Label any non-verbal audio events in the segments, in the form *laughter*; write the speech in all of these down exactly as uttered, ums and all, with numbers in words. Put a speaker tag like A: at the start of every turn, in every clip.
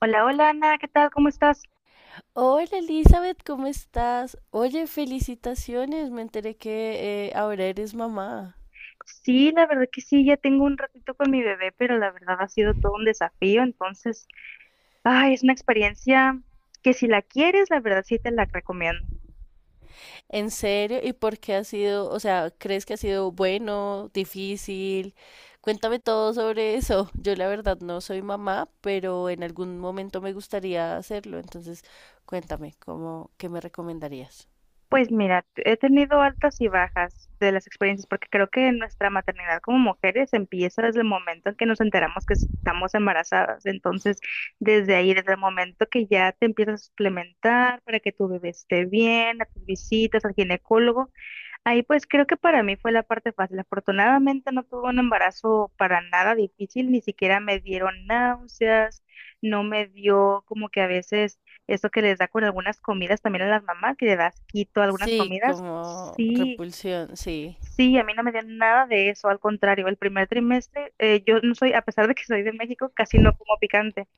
A: Hola, hola Ana, ¿qué tal? ¿Cómo estás?
B: Hola Elizabeth, ¿cómo estás? Oye, felicitaciones, me enteré que eh, ahora eres mamá.
A: Sí, la verdad que sí, ya tengo un ratito con mi bebé, pero la verdad ha sido todo un desafío, entonces, ay, es una experiencia que si la quieres, la verdad sí te la recomiendo.
B: ¿En serio? ¿Y por qué ha sido, o sea, crees que ha sido bueno, difícil? Cuéntame todo sobre eso. Yo la verdad no soy mamá, pero en algún momento me gustaría hacerlo, entonces cuéntame, ¿cómo, qué me recomendarías?
A: Pues mira, he tenido altas y bajas de las experiencias, porque creo que nuestra maternidad como mujeres empieza desde el momento en que nos enteramos que estamos embarazadas, entonces, desde ahí, desde el momento que ya te empiezas a suplementar para que tu bebé esté bien, a tus visitas al ginecólogo. Ahí pues creo que para mí fue la parte fácil. Afortunadamente no tuve un embarazo para nada difícil, ni siquiera me dieron náuseas, no me dio como que a veces eso que les da con algunas comidas también a las mamás, que le das quito algunas
B: Sí,
A: comidas.
B: como
A: Sí,
B: repulsión, sí.
A: sí, a mí no me dio nada de eso, al contrario, el primer trimestre, eh, yo no soy, a pesar de que soy de México, casi no como picante,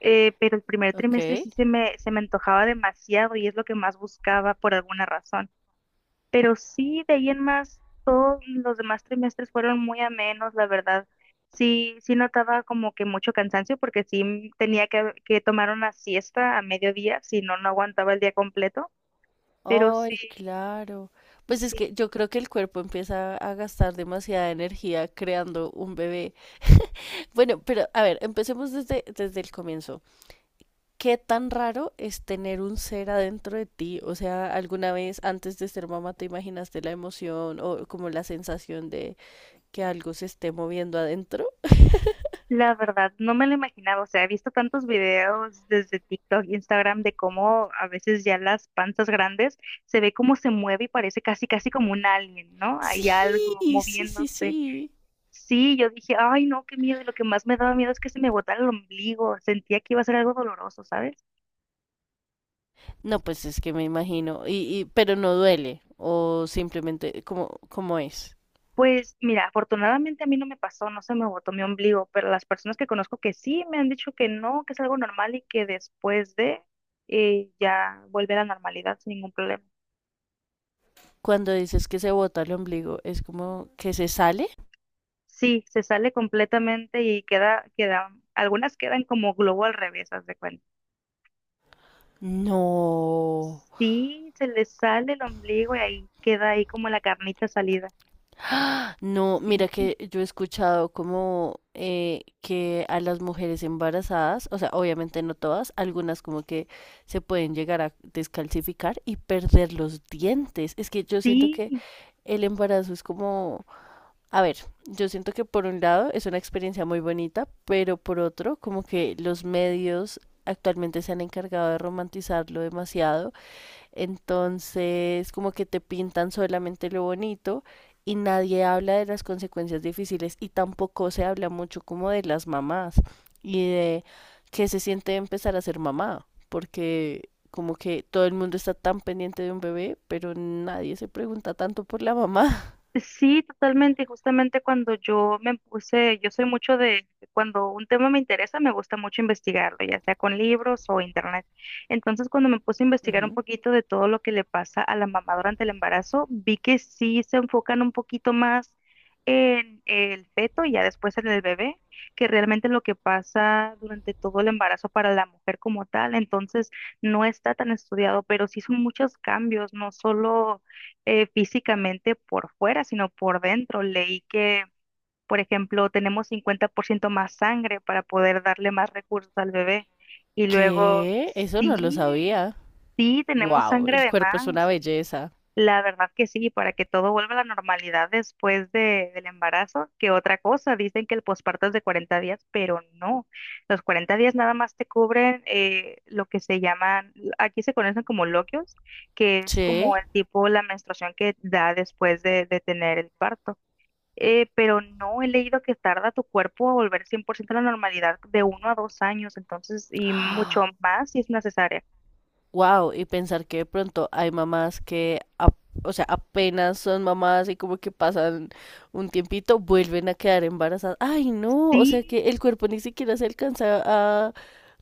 A: eh, pero el primer
B: Ok.
A: trimestre sí se me, se me antojaba demasiado y es lo que más buscaba por alguna razón. Pero sí, de ahí en más, todos los demás trimestres fueron muy amenos, la verdad. Sí, sí notaba como que mucho cansancio porque sí m- tenía que, que tomar una siesta a mediodía, si no, no aguantaba el día completo. Pero sí,
B: Ay, claro. Pues es que
A: sí,
B: yo creo que el cuerpo empieza a gastar demasiada energía creando un bebé. Bueno, pero a ver, empecemos desde, desde el comienzo. ¿Qué tan raro es tener un ser adentro de ti? O sea, ¿alguna vez antes de ser mamá te imaginaste la emoción o como la sensación de que algo se esté moviendo adentro?
A: la verdad, no me lo imaginaba. O sea, he visto tantos videos desde TikTok, Instagram, de cómo a veces ya las panzas grandes se ve cómo se mueve y parece casi, casi como un alien, ¿no? Hay algo
B: Sí, sí, sí,
A: moviéndose.
B: sí.
A: Sí, yo dije, ay, no, qué miedo. Y lo que más me daba miedo es que se me botara el ombligo. Sentía que iba a ser algo doloroso, ¿sabes?
B: No, pues es que me imagino. Y, y, pero no duele. O simplemente, cómo cómo es?
A: Pues mira, afortunadamente a mí no me pasó, no se me botó mi ombligo, pero las personas que conozco que sí me han dicho que no, que es algo normal y que después de eh, ya vuelve a la normalidad sin ningún problema.
B: Cuando dices que se bota el ombligo, ¿es como que se sale?
A: Sí, se sale completamente y queda, queda, algunas quedan como globo al revés, haz de cuenta.
B: No.
A: Sí, se le sale el ombligo y ahí queda ahí como la carnita salida.
B: No, mira
A: Sí,
B: que yo he escuchado como eh, que a las mujeres embarazadas, o sea, obviamente no todas, algunas como que se pueden llegar a descalcificar y perder los dientes. Es que yo siento que
A: sí,
B: el embarazo es como, a ver, yo siento que por un lado es una experiencia muy bonita, pero por otro, como que los medios actualmente se han encargado de romantizarlo demasiado. Entonces, como que te pintan solamente lo bonito y nadie habla de las consecuencias difíciles y tampoco se habla mucho como de las mamás y de qué se siente empezar a ser mamá, porque como que todo el mundo está tan pendiente de un bebé, pero nadie se pregunta tanto por la mamá.
A: sí, totalmente. y justamente cuando yo me puse, yo soy mucho de, cuando un tema me interesa, me gusta mucho investigarlo, ya sea con libros o internet. Entonces, cuando me puse a
B: *laughs*
A: investigar un
B: Ujú.
A: poquito de todo lo que le pasa a la mamá durante el embarazo, vi que sí se enfocan un poquito más en el feto y ya después en el bebé, que realmente lo que pasa durante todo el embarazo para la mujer como tal. Entonces, no está tan estudiado, pero sí son muchos cambios, no solo eh, físicamente por fuera, sino por dentro. Leí que, por ejemplo, tenemos cincuenta por ciento más sangre para poder darle más recursos al bebé. Y luego,
B: ¿Qué? Eso no lo
A: sí,
B: sabía.
A: sí, tenemos
B: Wow,
A: sangre
B: el
A: de
B: cuerpo es una
A: más.
B: belleza.
A: La verdad que sí, para que todo vuelva a la normalidad después de, del embarazo, que otra cosa, dicen que el posparto es de cuarenta días, pero no, los cuarenta días nada más te cubren eh, lo que se llaman, aquí se conocen como loquios, que es
B: Che.
A: como el tipo, la menstruación que da después de, de tener el parto. Eh, pero no he leído que tarda tu cuerpo a volver cien por ciento a la normalidad de uno a dos años, entonces, y mucho
B: *gasps*
A: más si es necesaria.
B: Wow, y pensar que de pronto hay mamás que, ap- o sea, apenas son mamás y como que pasan un tiempito, vuelven a quedar embarazadas. Ay, no, o sea
A: Sí,
B: que el cuerpo ni siquiera se alcanza a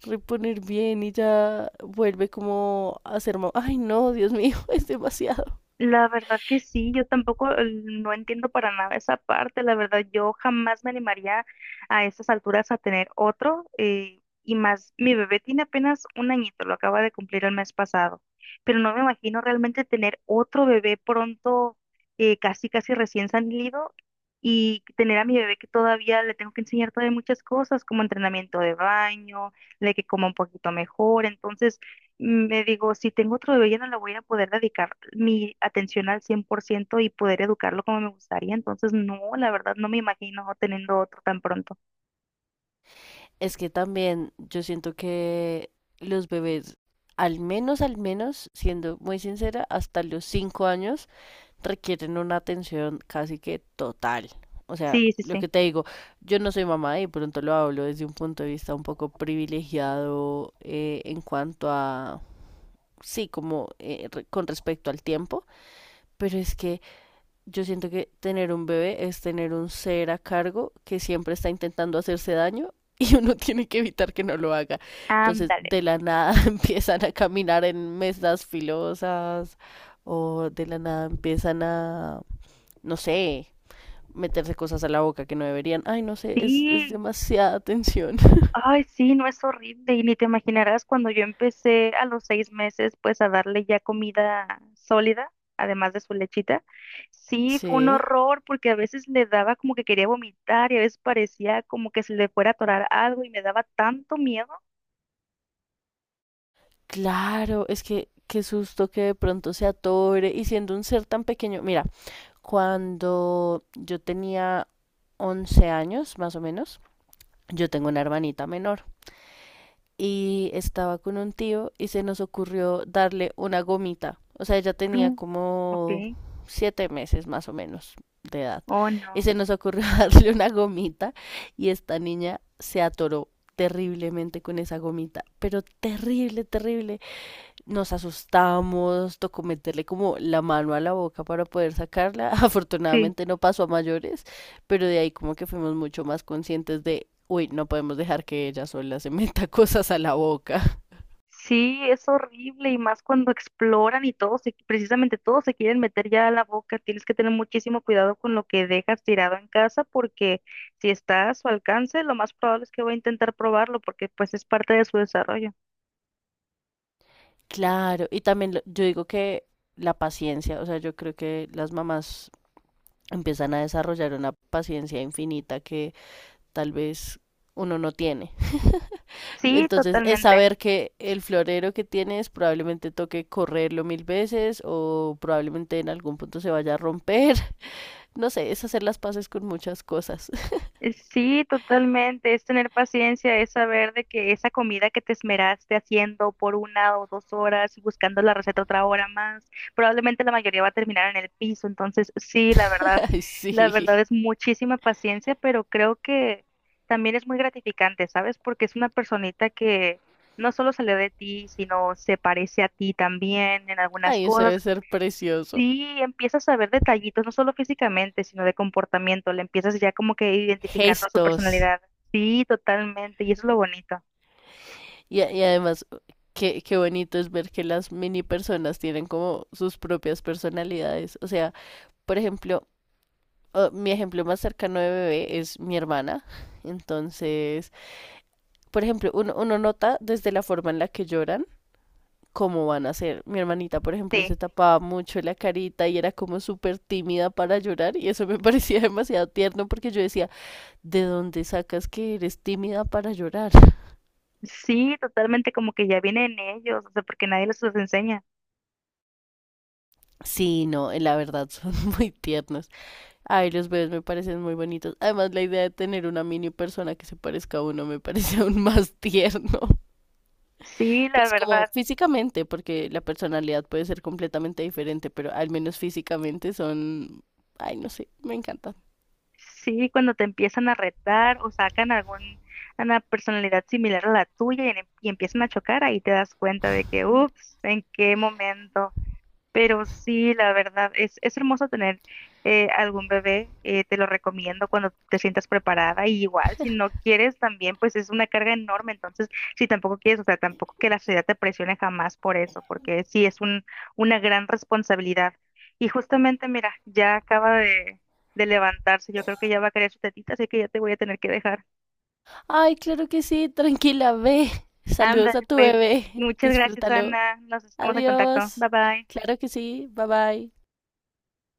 B: reponer bien y ya vuelve como a ser mamá. Ay, no, Dios mío, *laughs* es demasiado.
A: la verdad que sí, yo tampoco eh, no entiendo para nada esa parte, la verdad yo jamás me animaría a esas alturas a tener otro eh, y más, mi bebé tiene apenas un añito, lo acaba de cumplir el mes pasado, pero no me imagino realmente tener otro bebé pronto, eh, casi casi recién salido y tener a mi bebé que todavía le tengo que enseñar todavía muchas cosas como entrenamiento de baño, de que coma un poquito mejor, entonces me digo, si tengo otro bebé ya no le voy a poder dedicar mi atención al cien por ciento y poder educarlo como me gustaría. Entonces, no, la verdad, no me imagino teniendo otro tan pronto.
B: Es que también yo siento que los bebés, al menos, al menos, siendo muy sincera, hasta los cinco años requieren una atención casi que total. O sea,
A: Sí, sí,
B: lo
A: sí.
B: que te digo, yo no soy mamá y de pronto lo hablo desde un punto de vista un poco privilegiado eh, en cuanto a, sí, como eh, re- con respecto al tiempo, pero es que yo siento que tener un bebé es tener un ser a cargo que siempre está intentando hacerse daño y uno *laughs* tiene que evitar que no lo haga. Entonces,
A: Ándale.
B: de la nada *laughs* empiezan a caminar en mesas filosas o de la nada empiezan a no sé, meterse cosas a la boca que no deberían. Ay, no sé, es, es
A: Sí.
B: demasiada tensión.
A: Ay, sí, no es horrible. Y ni te imaginarás cuando yo empecé a los seis meses, pues a darle ya comida sólida, además de su lechita. Sí, fue un
B: Sí,
A: horror porque a veces le daba como que quería vomitar y a veces parecía como que se le fuera a atorar algo y me daba tanto miedo.
B: claro, es que qué susto que de pronto se atore y siendo un ser tan pequeño. Mira, cuando yo tenía once años, más o menos, yo tengo una hermanita menor. Y estaba con un tío y se nos ocurrió darle una gomita. O sea, ella tenía
A: Mm.
B: como
A: Ok.
B: siete meses más o menos de edad.
A: Oh,
B: Y
A: no.
B: se nos ocurrió *laughs* darle una gomita y esta niña se atoró terriblemente con esa gomita, pero terrible, terrible. Nos asustamos, tocó meterle como la mano a la boca para poder sacarla. *laughs*
A: Sí.
B: Afortunadamente no pasó a mayores, pero de ahí como que fuimos mucho más conscientes de, uy, no podemos dejar que ella sola se *laughs* meta cosas a la boca. *laughs*
A: Sí, es horrible y más cuando exploran y todos, se- precisamente todos se quieren meter ya a la boca. Tienes que tener muchísimo cuidado con lo que dejas tirado en casa porque si está a su alcance, lo más probable es que va a intentar probarlo porque pues es parte de su desarrollo.
B: Claro, y también lo- yo digo que la paciencia, o sea, yo creo que las mamás empiezan a desarrollar una paciencia infinita que tal vez uno no tiene.
A: Sí,
B: Entonces es
A: totalmente.
B: saber que el florero que tienes probablemente toque correrlo mil veces o probablemente en algún punto se vaya a romper. *laughs* No sé, es hacer las paces con muchas cosas. *laughs*
A: Eh, Sí, totalmente. Es tener paciencia, es saber de que esa comida que te esmeraste haciendo por una o dos horas y buscando la receta otra hora más, probablemente la mayoría va a terminar en el piso. Entonces, sí, la verdad,
B: Ay,
A: la
B: sí.
A: verdad es muchísima paciencia, pero creo que también es muy gratificante, ¿sabes? Porque es una personita que no solo salió de ti, sino se parece a ti también en algunas
B: Ay, eso
A: cosas.
B: debe ser precioso.
A: Sí, empiezas a ver detallitos, no solo físicamente, sino de comportamiento. Le empiezas ya como que identificando su
B: Gestos.
A: personalidad. Sí, totalmente. Y eso es lo bonito.
B: Y, a- y además, qué, qué bonito es ver que las mini personas tienen como sus propias personalidades. O sea, por ejemplo, oh, mi ejemplo más cercano de bebé es mi hermana. Entonces, por ejemplo, uno, uno nota desde la forma en la que lloran cómo van a ser. Mi hermanita, por ejemplo, se
A: Sí,
B: tapaba mucho la carita y era como súper tímida para llorar y eso me *laughs* parecía demasiado tierno porque yo decía, ¿de dónde sacas que eres tímida para llorar?
A: sí, totalmente como que ya viene en ellos, o sea, porque nadie les los enseña.
B: Sí, no, eh, la verdad son *laughs* muy tiernos. Ay, los bebés me parecen muy bonitos. Además, la idea de tener una mini persona que se parezca a uno me *laughs* parece aún más tierno. *laughs*
A: Sí, la
B: Pues como
A: verdad.
B: físicamente, porque la personalidad puede ser completamente diferente, pero al menos físicamente son, ay, no sé, me encanta.
A: Sí, cuando te empiezan a retar o sacan algún, una personalidad similar a la tuya y, en- y empiezan a chocar, ahí te das cuenta de que, ups, ¿en qué momento? Pero sí, la verdad, es, es hermoso tener eh, algún bebé, eh, te lo recomiendo cuando te sientas preparada y igual si no quieres también, pues es una carga enorme, entonces si tampoco quieres, o sea, tampoco que la sociedad te presione jamás por eso, porque sí es un, una gran responsabilidad. Y justamente, mira, ya acaba de, de levantarse, yo creo que ya va a querer su tetita, así que ya te voy a tener que dejar.
B: Ay, claro que sí, tranquila, ve.
A: Anda,
B: Saludos a tu
A: pues,
B: bebé, *laughs*
A: muchas gracias,
B: disfrútalo.
A: Ana, nos estamos en contacto,
B: Adiós.
A: bye bye.
B: Claro que sí, bye bye.